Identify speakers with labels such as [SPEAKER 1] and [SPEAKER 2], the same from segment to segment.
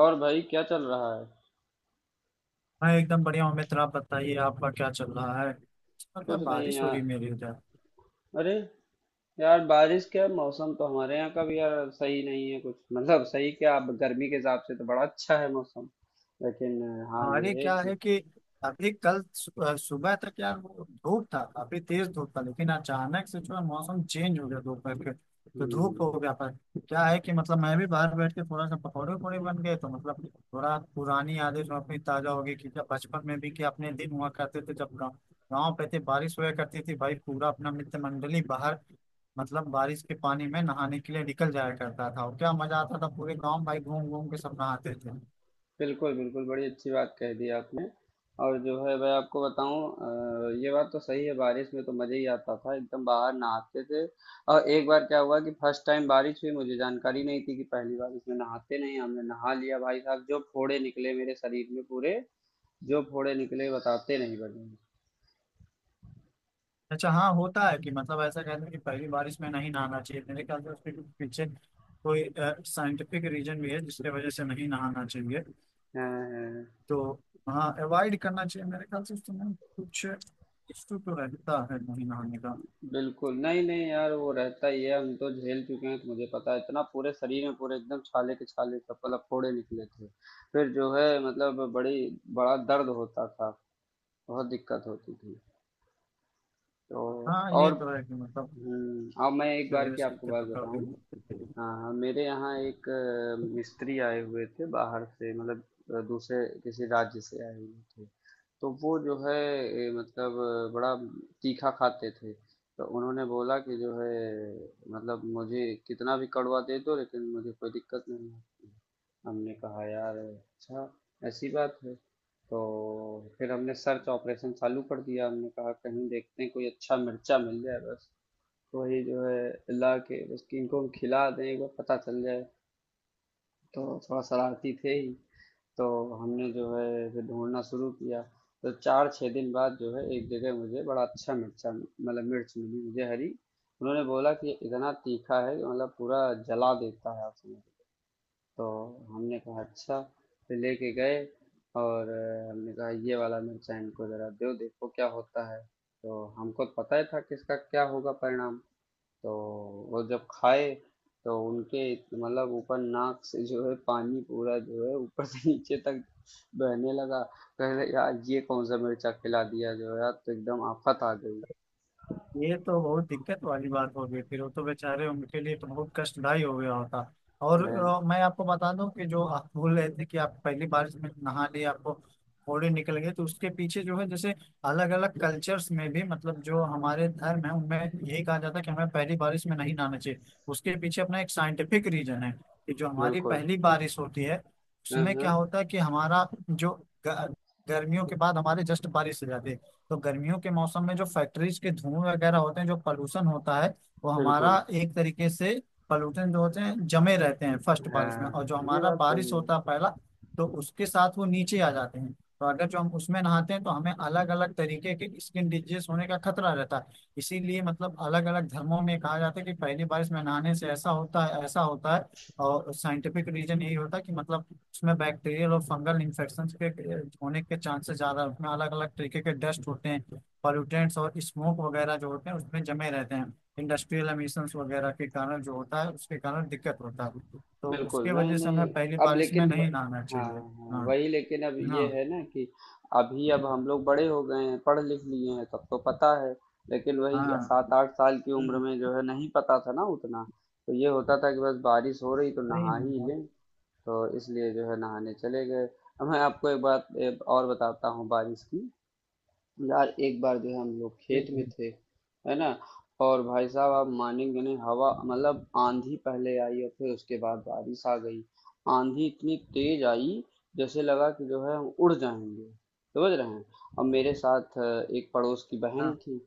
[SPEAKER 1] और भाई क्या चल रहा है?
[SPEAKER 2] मैं एकदम बढ़िया हूँ मित्र। आप बताइए आपका क्या चल रहा है।
[SPEAKER 1] कुछ
[SPEAKER 2] मतलब
[SPEAKER 1] नहीं
[SPEAKER 2] बारिश हो
[SPEAKER 1] यार।
[SPEAKER 2] रही है मेरे उधर।
[SPEAKER 1] अरे यार, बारिश क्या, मौसम तो हमारे यहाँ का भी यार सही नहीं है कुछ मतलब सही क्या, अब गर्मी के हिसाब से तो बड़ा अच्छा है मौसम। लेकिन हाँ
[SPEAKER 2] अरे
[SPEAKER 1] ये है
[SPEAKER 2] क्या
[SPEAKER 1] कि
[SPEAKER 2] है कि अभी कल सुबह तक यार वो धूप था, काफी तेज धूप था, लेकिन अचानक से जो है मौसम चेंज हो गया दोपहर के तो धूप हो
[SPEAKER 1] हम्म।
[SPEAKER 2] गया। पर क्या है कि मतलब मैं भी बाहर बैठ के थोड़ा सा पकौड़े वकौड़े बन गए तो मतलब थोड़ा पुरानी यादें जो अपनी ताजा हो गई कि जब बचपन में भी कि अपने दिन हुआ करते थे जब गाँव गाँव पे थे, बारिश हुआ करती थी भाई। पूरा अपना मित्र मंडली बाहर मतलब बारिश के पानी में नहाने के लिए निकल जाया करता था। और क्या मजा आता था, पूरे गाँव भाई घूम घूम के सब नहाते थे।
[SPEAKER 1] बिल्कुल बिल्कुल, बड़ी अच्छी बात कह दी आपने। और जो है मैं आपको बताऊं, ये बात तो सही है, बारिश में तो मज़ा ही आता था, एकदम बाहर नहाते थे। और एक बार क्या हुआ कि फर्स्ट टाइम बारिश हुई, मुझे जानकारी नहीं थी कि पहली बार इसमें नहाते नहीं, हमने नहा लिया, भाई साहब जो फोड़े निकले मेरे शरीर में पूरे। जो फोड़े निकले बताते नहीं बने।
[SPEAKER 2] अच्छा हाँ, होता है कि मतलब ऐसा कहते हैं कि पहली बारिश में नहीं नहाना चाहिए। मेरे ख्याल से उसके कुछ पीछे कोई साइंटिफिक रीजन भी है जिसके वजह से नहीं नहाना चाहिए।
[SPEAKER 1] हाँ हाँ।
[SPEAKER 2] तो हाँ, अवॉइड करना चाहिए मेरे ख्याल से उस समय। कुछ इशू तो रहता है नहीं नहाने का।
[SPEAKER 1] बिल्कुल, नहीं नहीं यार, वो रहता ही है, हम तो झेल चुके हैं तो मुझे पता है, इतना पूरे शरीर में पूरे एकदम छाले के छाले, सब मतलब फोड़े निकले थे। फिर जो है मतलब बड़ी बड़ा दर्द होता था। बहुत दिक्कत होती थी। तो
[SPEAKER 2] हाँ,
[SPEAKER 1] और
[SPEAKER 2] ये तो है कि मतलब
[SPEAKER 1] अब मैं एक
[SPEAKER 2] उसकी
[SPEAKER 1] बार
[SPEAKER 2] वजह
[SPEAKER 1] की
[SPEAKER 2] से
[SPEAKER 1] आपको
[SPEAKER 2] दिक्कत
[SPEAKER 1] बात
[SPEAKER 2] तो कर
[SPEAKER 1] बताऊं।
[SPEAKER 2] देंगे।
[SPEAKER 1] हाँ, हाँ, मेरे यहाँ एक मिस्त्री आए हुए थे बाहर से, मतलब दूसरे किसी राज्य से आए हुए थे। तो वो जो है मतलब बड़ा तीखा खाते थे। तो उन्होंने बोला कि जो है मतलब मुझे कितना भी कड़वा दे दो, लेकिन मुझे कोई दिक्कत नहीं है। हमने कहा यार अच्छा, ऐसी बात है। तो फिर हमने सर्च ऑपरेशन चालू कर दिया, हमने कहा कहीं देखते हैं कोई अच्छा मिर्चा मिल जाए बस, वही जो है अल्लाह के बस कि इनको हम खिला दें, एक बार पता चल जाए। तो थोड़ा शरारती थे ही। तो हमने जो है फिर ढूंढना शुरू किया। तो 4-6 दिन बाद जो है एक जगह मुझे बड़ा अच्छा मिर्चा मतलब मिर्च मिली मुझे, हरी। उन्होंने बोला कि ये इतना तीखा है कि मतलब पूरा जला देता है, आप समझ। तो हमने कहा अच्छा। फिर लेके गए और हमने कहा ये वाला मिर्चा इनको ज़रा दो, देखो क्या होता है। तो हमको पता ही था कि इसका क्या होगा परिणाम। तो वो जब खाए तो उनके मतलब ऊपर नाक से जो है पानी पूरा, जो है ऊपर से नीचे तक बहने लगा। कह रहे यार ये कौन सा मिर्चा खिला दिया जो है यार, तो एकदम आफत आ गई।
[SPEAKER 2] ये तो बहुत दिक्कत वाली बात हो गई, फिर वो तो बेचारे, उनके लिए तो बहुत कष्टदायी हो गया होता। और
[SPEAKER 1] मैं-
[SPEAKER 2] मैं आपको बता दूं कि जो आप बोल रहे थे कि आप पहली बारिश में नहा लिए आपको फोड़े निकल गए, तो उसके पीछे जो है जैसे अलग अलग कल्चर्स में भी मतलब जो हमारे धर्म है उनमें यही कहा जाता है कि हमें पहली बारिश में नहीं नहाना चाहिए। उसके पीछे अपना एक साइंटिफिक रीजन है कि जो हमारी
[SPEAKER 1] बिल्कुल,
[SPEAKER 2] पहली बारिश होती है
[SPEAKER 1] हाँ
[SPEAKER 2] उसमें क्या
[SPEAKER 1] हाँ,
[SPEAKER 2] होता है कि हमारा जो ग- गर्मियों के बाद हमारे जस्ट बारिश हो जाती है, तो गर्मियों के मौसम में जो फैक्ट्रीज के धुएं वगैरह होते हैं जो पॉल्यूशन होता है, वो
[SPEAKER 1] बिल्कुल।
[SPEAKER 2] हमारा एक तरीके से पॉल्यूशन जो होते हैं जमे रहते हैं फर्स्ट बारिश में। और जो
[SPEAKER 1] हाँ ये
[SPEAKER 2] हमारा
[SPEAKER 1] बात सही
[SPEAKER 2] बारिश
[SPEAKER 1] है।
[SPEAKER 2] होता है पहला, तो उसके साथ वो नीचे आ जाते हैं। तो अगर जो हम उसमें नहाते हैं तो हमें अलग अलग तरीके के स्किन डिजीज होने का खतरा रहता है। इसीलिए मतलब अलग अलग धर्मों में कहा जाता है कि पहली बारिश में नहाने से ऐसा होता है, ऐसा होता है। और साइंटिफिक रीजन यही होता है कि मतलब उसमें बैक्टीरियल और फंगल इन्फेक्शन के होने के चांसेस ज्यादा होते हैं। अलग अलग तरीके के डस्ट होते हैं, पॉल्यूटेंट्स और स्मोक वगैरह जो होते हैं उसमें जमे रहते हैं। इंडस्ट्रियल एमिशंस वगैरह के कारण जो होता है उसके कारण दिक्कत होता है, तो
[SPEAKER 1] बिल्कुल,
[SPEAKER 2] उसके
[SPEAKER 1] नहीं
[SPEAKER 2] वजह से हमें
[SPEAKER 1] नहीं।
[SPEAKER 2] पहली
[SPEAKER 1] अब
[SPEAKER 2] बारिश
[SPEAKER 1] लेकिन
[SPEAKER 2] में नहीं नहाना
[SPEAKER 1] हाँ।
[SPEAKER 2] चाहिए।
[SPEAKER 1] हाँ
[SPEAKER 2] हाँ,
[SPEAKER 1] वही, लेकिन अब ये
[SPEAKER 2] हाँ।
[SPEAKER 1] है ना कि अभी अब हम लोग बड़े हो गए हैं, पढ़ लिख लिए हैं, तब तो पता है। लेकिन वही
[SPEAKER 2] हाँ।
[SPEAKER 1] 7-8 साल की उम्र
[SPEAKER 2] हम्म।
[SPEAKER 1] में जो है नहीं पता था ना उतना। तो ये होता था कि बस बारिश हो रही तो
[SPEAKER 2] नहीं,
[SPEAKER 1] नहा
[SPEAKER 2] नहीं।
[SPEAKER 1] ही
[SPEAKER 2] हाँ।
[SPEAKER 1] लें। तो इसलिए जो है नहाने चले गए। अब मैं आपको एक बात एक और बताता हूँ बारिश की। यार एक बार जो है हम लोग
[SPEAKER 2] जी,
[SPEAKER 1] खेत में
[SPEAKER 2] जी।
[SPEAKER 1] थे, है ना। और भाई साहब आप मानेंगे नहीं, हवा मतलब आंधी पहले आई और फिर उसके बाद बारिश आ गई। आंधी इतनी तेज आई, जैसे लगा कि जो है हम उड़ जाएंगे, समझ रहे हैं। अब मेरे साथ एक पड़ोस की बहन
[SPEAKER 2] हाँ।
[SPEAKER 1] थी।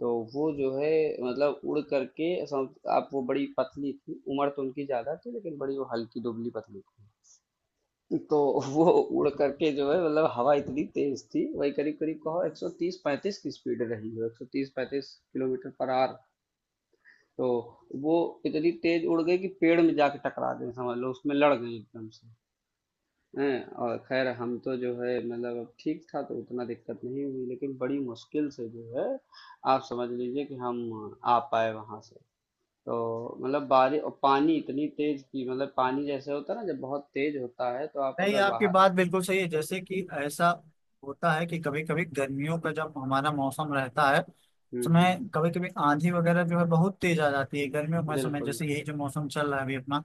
[SPEAKER 1] तो वो जो है मतलब उड़ करके आप, वो बड़ी पतली थी, उम्र तो उनकी ज्यादा थी लेकिन बड़ी वो हल्की दुबली पतली थी। तो वो उड़ करके जो है मतलब हवा इतनी तेज थी, वही करीब करीब कहो 130 35 की स्पीड रही हो, 130 35 किलोमीटर पर आवर। तो वो इतनी तेज उड़ गई कि पेड़ में जाके टकरा गई, समझ लो उसमें लड़ गई एकदम से। हैं, और खैर हम तो जो है मतलब अब ठीक था तो उतना दिक्कत नहीं हुई, लेकिन बड़ी मुश्किल से जो है आप समझ लीजिए कि हम आ पाए वहां से। तो मतलब बारिश और पानी इतनी तेज की, मतलब पानी जैसे होता है ना जब बहुत तेज होता है तो आप
[SPEAKER 2] नहीं,
[SPEAKER 1] अगर
[SPEAKER 2] आपकी
[SPEAKER 1] बाहर
[SPEAKER 2] बात बिल्कुल सही है। जैसे कि ऐसा होता है कि कभी कभी गर्मियों का जब हमारा मौसम रहता है
[SPEAKER 1] हम्म हम्म।
[SPEAKER 2] उसमें कभी कभी आंधी वगैरह जो है बहुत तेज आ जाती है। गर्मियों का समय,
[SPEAKER 1] बिल्कुल,
[SPEAKER 2] जैसे यही जो मौसम चल रहा है अभी अपना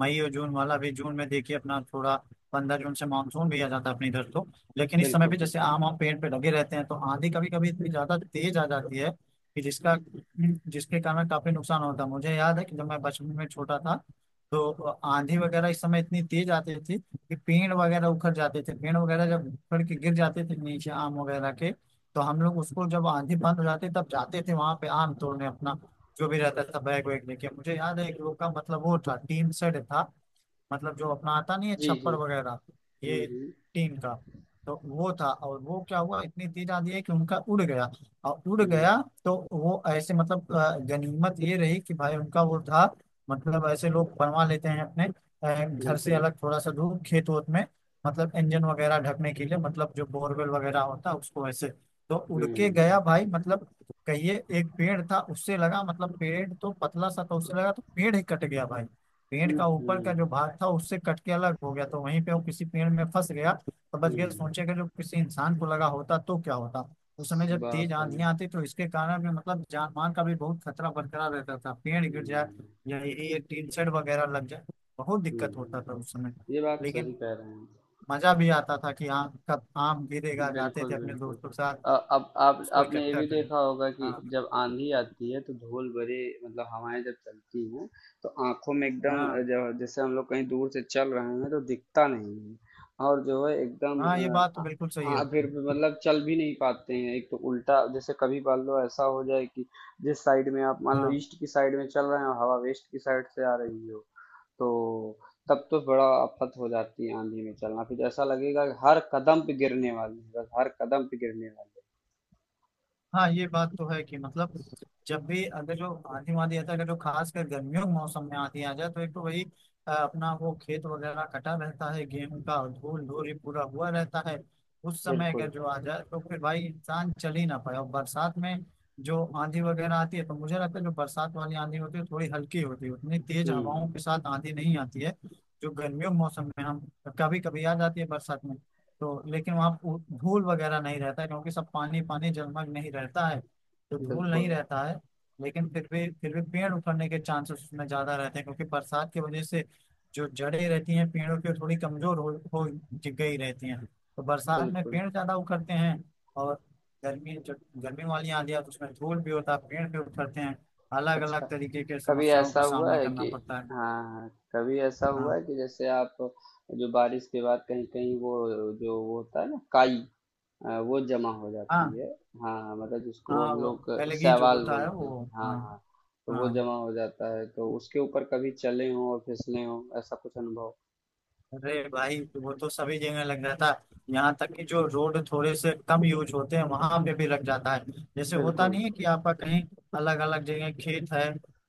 [SPEAKER 2] मई और जून वाला। अभी जून में देखिए अपना थोड़ा 15 जून से मानसून भी आ जाता है अपने इधर। तो लेकिन इस समय
[SPEAKER 1] बिल्कुल,
[SPEAKER 2] भी जैसे
[SPEAKER 1] बिल्कुल।
[SPEAKER 2] आम आम पेड़ पे लगे रहते हैं, तो आंधी कभी कभी इतनी ज्यादा तेज आ जाती है कि जिसका जिसके कारण काफी नुकसान होता है। मुझे याद है कि जब मैं बचपन में छोटा था, तो आंधी वगैरह इस समय इतनी तेज आती थी कि पेड़ वगैरह उखड़ जाते थे। पेड़ वगैरह जब उखड़ के गिर जाते थे नीचे आम वगैरह के, तो हम लोग उसको जब आंधी बंद हो जाती तब जाते थे वहां पे आम तोड़ने अपना। जो भी रहता था बैग वैग लेके। मुझे याद है एक लोग का मतलब वो था, टीन शेड था मतलब, जो अपना आता नहीं है
[SPEAKER 1] जी, जी।
[SPEAKER 2] छप्पर वगैरह
[SPEAKER 1] हुँ,
[SPEAKER 2] ये,
[SPEAKER 1] हुँ,
[SPEAKER 2] टीम का। तो वो था और वो क्या हुआ, इतनी तेज आंधी है कि उनका उड़ गया, और उड़
[SPEAKER 1] हुँ।
[SPEAKER 2] गया। तो वो ऐसे मतलब गनीमत ये रही कि भाई उनका वो था, मतलब ऐसे लोग बनवा लेते हैं अपने घर से
[SPEAKER 1] बिल्कुल।
[SPEAKER 2] अलग थोड़ा सा दूर खेत वोत में, मतलब इंजन वगैरह ढकने के लिए, मतलब जो बोरवेल वगैरह होता है उसको ऐसे। तो उड़ के
[SPEAKER 1] हुँ,
[SPEAKER 2] गया भाई, मतलब कहिए एक पेड़ था उससे लगा, मतलब पेड़ तो पतला सा था उससे लगा तो पेड़ ही कट गया भाई। पेड़
[SPEAKER 1] हुँ,
[SPEAKER 2] का ऊपर का जो
[SPEAKER 1] हुँ,
[SPEAKER 2] भाग था उससे कट के अलग हो गया तो वहीं पे वो किसी पेड़ में फंस गया तो बच गया।
[SPEAKER 1] हुँ।
[SPEAKER 2] सोचे कि जो किसी इंसान को लगा होता तो क्या होता। उस
[SPEAKER 1] स
[SPEAKER 2] समय जब
[SPEAKER 1] बात
[SPEAKER 2] तेज
[SPEAKER 1] सही है।
[SPEAKER 2] आंधियां आती तो इसके कारण भी मतलब जान मान का भी बहुत खतरा बरकरार रहता था, पेड़ गिर जाए
[SPEAKER 1] हुँ,
[SPEAKER 2] या ये टीन शेड वगैरह लग जाए। बहुत दिक्कत होता
[SPEAKER 1] हुँ।
[SPEAKER 2] था उस समय।
[SPEAKER 1] ये बात सही
[SPEAKER 2] लेकिन
[SPEAKER 1] कह रहे हैं।
[SPEAKER 2] मजा भी आता था कि आम कब आम गिरेगा। जाते थे
[SPEAKER 1] बिल्कुल,
[SPEAKER 2] अपने
[SPEAKER 1] बिल्कुल।
[SPEAKER 2] दोस्तों के साथ
[SPEAKER 1] अब आप
[SPEAKER 2] उसको
[SPEAKER 1] आपने ये
[SPEAKER 2] इकट्ठा
[SPEAKER 1] भी
[SPEAKER 2] करने।
[SPEAKER 1] देखा होगा कि
[SPEAKER 2] हाँ।
[SPEAKER 1] जब आँधी आती है तो धूल भरी मतलब हवाएँ जब चलती हैं, तो आँखों में एकदम
[SPEAKER 2] हाँ।
[SPEAKER 1] ज जैसे हम लोग कहीं दूर से चल रहे हैं तो दिखता नहीं है। और जो है एकदम
[SPEAKER 2] हाँ, ये बात तो बिल्कुल सही है।
[SPEAKER 1] फिर भी मतलब चल भी नहीं पाते हैं। एक तो उल्टा जैसे कभी मान लो ऐसा हो जाए कि जिस साइड में आप मान लो,
[SPEAKER 2] हाँ।
[SPEAKER 1] ईस्ट की साइड में चल रहे हैं और हवा वेस्ट की साइड से आ रही हो, तो तब तो बड़ा आफत हो जाती है आंधी में चलना, फिर ऐसा लगेगा कि हर कदम पे गिरने वाले हैं, बस हर कदम पे गिरने वाले
[SPEAKER 2] हाँ, ये बात तो है कि मतलब जब भी अगर जो आंधी वांधी आता है, अगर जो खासकर गर्मियों के मौसम में आंधी आ जाए तो एक तो वही अपना वो खेत वगैरह कटा रहता है गेहूं का, और धूल धूरी पूरा हुआ रहता है। उस
[SPEAKER 1] हैं।
[SPEAKER 2] समय
[SPEAKER 1] बिल्कुल।
[SPEAKER 2] अगर जो आ जाए तो फिर भाई इंसान चल ही ना पाए। और बरसात में जो आंधी वगैरह आती है तो मुझे लगता है जो बरसात वाली आंधी होती है थोड़ी हल्की होती है, उतनी तेज हवाओं
[SPEAKER 1] हम्म।
[SPEAKER 2] के साथ आंधी नहीं आती है जो गर्मियों के मौसम में हम कभी कभी आ जाती है बरसात में। तो लेकिन वहाँ धूल वगैरह नहीं रहता है, क्योंकि सब पानी पानी जलमग्न नहीं रहता है तो धूल नहीं
[SPEAKER 1] बिल्कुल
[SPEAKER 2] रहता है। लेकिन फिर भी पेड़ उखड़ने के चांसेस उसमें ज्यादा रहते हैं, क्योंकि बरसात की वजह से जो जड़ें रहती हैं पेड़ों की वो थोड़ी कमजोर हो गई रहती हैं तो बरसात में
[SPEAKER 1] बिल्कुल।
[SPEAKER 2] पेड़ ज्यादा उखड़ते हैं। और गर्मी, जब गर्मी वाली आंधी आती है तो उसमें धूल भी होता है, पेड़ भी उखड़ते हैं, अलग
[SPEAKER 1] अच्छा,
[SPEAKER 2] अलग तरीके के
[SPEAKER 1] कभी
[SPEAKER 2] समस्याओं का
[SPEAKER 1] ऐसा हुआ
[SPEAKER 2] सामना
[SPEAKER 1] है
[SPEAKER 2] करना
[SPEAKER 1] कि
[SPEAKER 2] पड़ता है।
[SPEAKER 1] हाँ, कभी ऐसा हुआ
[SPEAKER 2] हाँ।
[SPEAKER 1] है कि जैसे आप जो बारिश के बाद कहीं कहीं वो, जो वो होता है ना काई, वो जमा हो जाती
[SPEAKER 2] हाँ।
[SPEAKER 1] है। हाँ हाँ मतलब जिसको
[SPEAKER 2] हाँ,
[SPEAKER 1] हम
[SPEAKER 2] वो
[SPEAKER 1] लोग
[SPEAKER 2] एलगी जो
[SPEAKER 1] सवाल
[SPEAKER 2] होता है,
[SPEAKER 1] बोलते हैं,
[SPEAKER 2] वो,
[SPEAKER 1] हाँ
[SPEAKER 2] हाँ।
[SPEAKER 1] हाँ। तो वो
[SPEAKER 2] हाँ,
[SPEAKER 1] जमा हो जाता है, तो उसके ऊपर कभी चले हों और फिसले हों, ऐसा कुछ अनुभव।
[SPEAKER 2] अरे भाई वो तो सभी जगह लग जाता है, यहाँ तक कि जो रोड थोड़े से कम यूज होते हैं वहां पे भी लग जाता है। जैसे होता
[SPEAKER 1] बिल्कुल,
[SPEAKER 2] नहीं है कि आपका कहीं अलग अलग जगह खेत है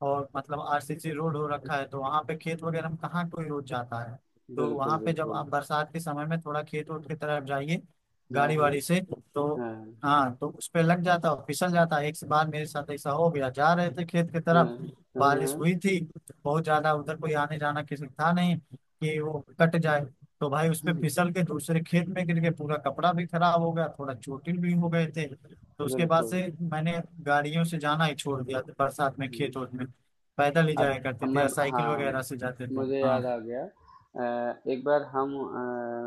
[SPEAKER 2] और मतलब आरसीसी रोड हो रखा है, तो वहां पे खेत वगैरह में कहाँ कोई रोड जाता है। तो
[SPEAKER 1] बिल्कुल,
[SPEAKER 2] वहां पे जब
[SPEAKER 1] बिल्कुल।
[SPEAKER 2] आप बरसात के समय में थोड़ा खेत वोट की तरफ जाइए
[SPEAKER 1] हाँ
[SPEAKER 2] गाड़ी
[SPEAKER 1] हाँ
[SPEAKER 2] वाड़ी से, तो
[SPEAKER 1] हाँ
[SPEAKER 2] हाँ, तो उस पे लग जाता और फिसल जाता है। एक बार मेरे साथ ऐसा हो गया, जा रहे थे खेत की
[SPEAKER 1] हाँ
[SPEAKER 2] तरफ,
[SPEAKER 1] हाँ
[SPEAKER 2] बारिश
[SPEAKER 1] हाँ,
[SPEAKER 2] हुई थी बहुत ज्यादा, उधर कोई आने जाना किसी का था नहीं कि वो कट जाए। तो भाई उसपे
[SPEAKER 1] हम्म,
[SPEAKER 2] फिसल के दूसरे खेत में गिर के पूरा कपड़ा भी खराब हो गया, थोड़ा चोटिल भी हो गए थे। तो उसके बाद
[SPEAKER 1] बिल्कुल।
[SPEAKER 2] से मैंने गाड़ियों से जाना ही छोड़ दिया था बरसात में खेत वेत
[SPEAKER 1] हम्म।
[SPEAKER 2] में। पैदल ही
[SPEAKER 1] अब
[SPEAKER 2] जाया
[SPEAKER 1] अब
[SPEAKER 2] करते थे
[SPEAKER 1] मैं,
[SPEAKER 2] या साइकिल
[SPEAKER 1] हाँ
[SPEAKER 2] वगैरह से जाते थे।
[SPEAKER 1] मुझे
[SPEAKER 2] हाँ।
[SPEAKER 1] याद आ गया, एक बार हम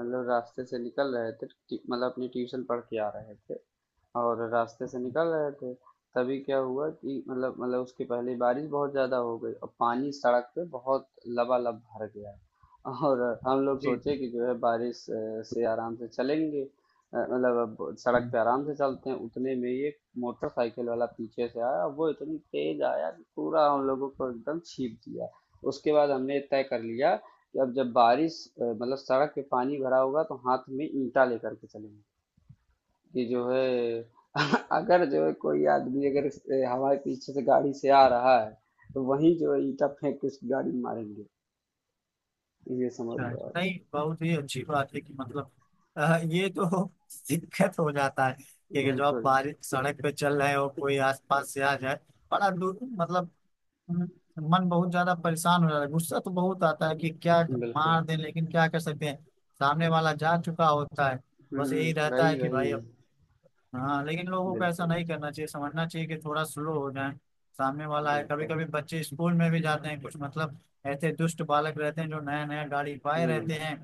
[SPEAKER 1] मतलब रास्ते से निकल रहे थे, मतलब अपनी ट्यूशन पढ़ के आ रहे थे। और रास्ते से निकल रहे थे। तभी क्या हुआ कि मतलब उसके पहले बारिश बहुत ज़्यादा हो गई और पानी सड़क पे बहुत लबालब भर गया। और हम लोग
[SPEAKER 2] जी,
[SPEAKER 1] सोचे कि जो है बारिश से आराम से चलेंगे, मतलब अब सड़क
[SPEAKER 2] जी।
[SPEAKER 1] पे आराम से चलते हैं, उतने में ये मोटरसाइकिल वाला पीछे से आया, वो इतनी तेज आया कि पूरा हम लोगों को एकदम छीप दिया। उसके बाद हमने तय कर लिया कि अब जब बारिश मतलब सड़क पे पानी भरा होगा तो हाथ में ईंटा लेकर के चलेंगे। कि जो है अगर जो है कोई आदमी अगर हमारे पीछे से गाड़ी से आ रहा है, तो वही जो है ईटा फेंक के उसकी गाड़ी में मारेंगे, ये समझ
[SPEAKER 2] अच्छा,
[SPEAKER 1] लो
[SPEAKER 2] अच्छा।
[SPEAKER 1] आप।
[SPEAKER 2] नहीं, बहुत ही अच्छी बात है कि मतलब ये तो दिक्कत हो जाता है कि अगर जो आप
[SPEAKER 1] बिल्कुल,
[SPEAKER 2] बारिश सड़क पे चल रहे हो, कोई आसपास से आ जाए बड़ा दूर मतलब। मन बहुत ज्यादा परेशान हो जा रहा है, गुस्सा तो बहुत आता है कि क्या
[SPEAKER 1] बिल्कुल।
[SPEAKER 2] मार दें, लेकिन क्या कर सकते हैं, सामने वाला जा चुका होता है। बस यही
[SPEAKER 1] हम्म,
[SPEAKER 2] रहता है
[SPEAKER 1] वही
[SPEAKER 2] कि
[SPEAKER 1] वही।
[SPEAKER 2] भाई अब। हाँ, लेकिन लोगों को ऐसा
[SPEAKER 1] बिल्कुल,
[SPEAKER 2] नहीं करना चाहिए, समझना चाहिए कि थोड़ा स्लो हो जाए, सामने वाला है। कभी
[SPEAKER 1] बिल्कुल।
[SPEAKER 2] कभी बच्चे स्कूल में भी जाते हैं, कुछ मतलब ऐसे दुष्ट बालक रहते हैं जो नया नया गाड़ी पाए
[SPEAKER 1] हम्म।
[SPEAKER 2] रहते हैं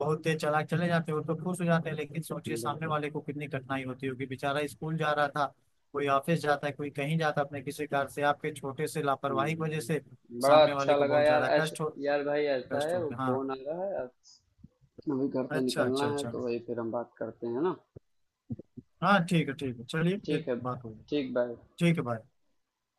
[SPEAKER 2] बहुत तेज चला चले जाते हैं। वो तो खुश हो जाते हैं, लेकिन सोचिए सामने
[SPEAKER 1] बिल्कुल।
[SPEAKER 2] वाले को कितनी कठिनाई होती होगी, बेचारा स्कूल जा रहा था, कोई ऑफिस जाता है, कोई कहीं जाता है अपने किसी कार से, आपके छोटे से लापरवाही की वजह से
[SPEAKER 1] हम्म, बड़ा
[SPEAKER 2] सामने वाले
[SPEAKER 1] अच्छा
[SPEAKER 2] को
[SPEAKER 1] लगा
[SPEAKER 2] बहुत
[SPEAKER 1] यार
[SPEAKER 2] ज्यादा
[SPEAKER 1] ऐसा।
[SPEAKER 2] कष्ट हो,
[SPEAKER 1] यार भाई ऐसा
[SPEAKER 2] कष्ट
[SPEAKER 1] है, वो
[SPEAKER 2] होते, हाँ।
[SPEAKER 1] फोन आ रहा है अब, अभी घर से
[SPEAKER 2] अच्छा,
[SPEAKER 1] निकलना
[SPEAKER 2] अच्छा,
[SPEAKER 1] है,
[SPEAKER 2] अच्छा।
[SPEAKER 1] तो वही फिर हम बात करते हैं ना।
[SPEAKER 2] हाँ, ठीक है, ठीक है, चलिए फिर
[SPEAKER 1] ठीक है।
[SPEAKER 2] बात होगी।
[SPEAKER 1] ठीक, बाय।
[SPEAKER 2] ठीक है, बाय।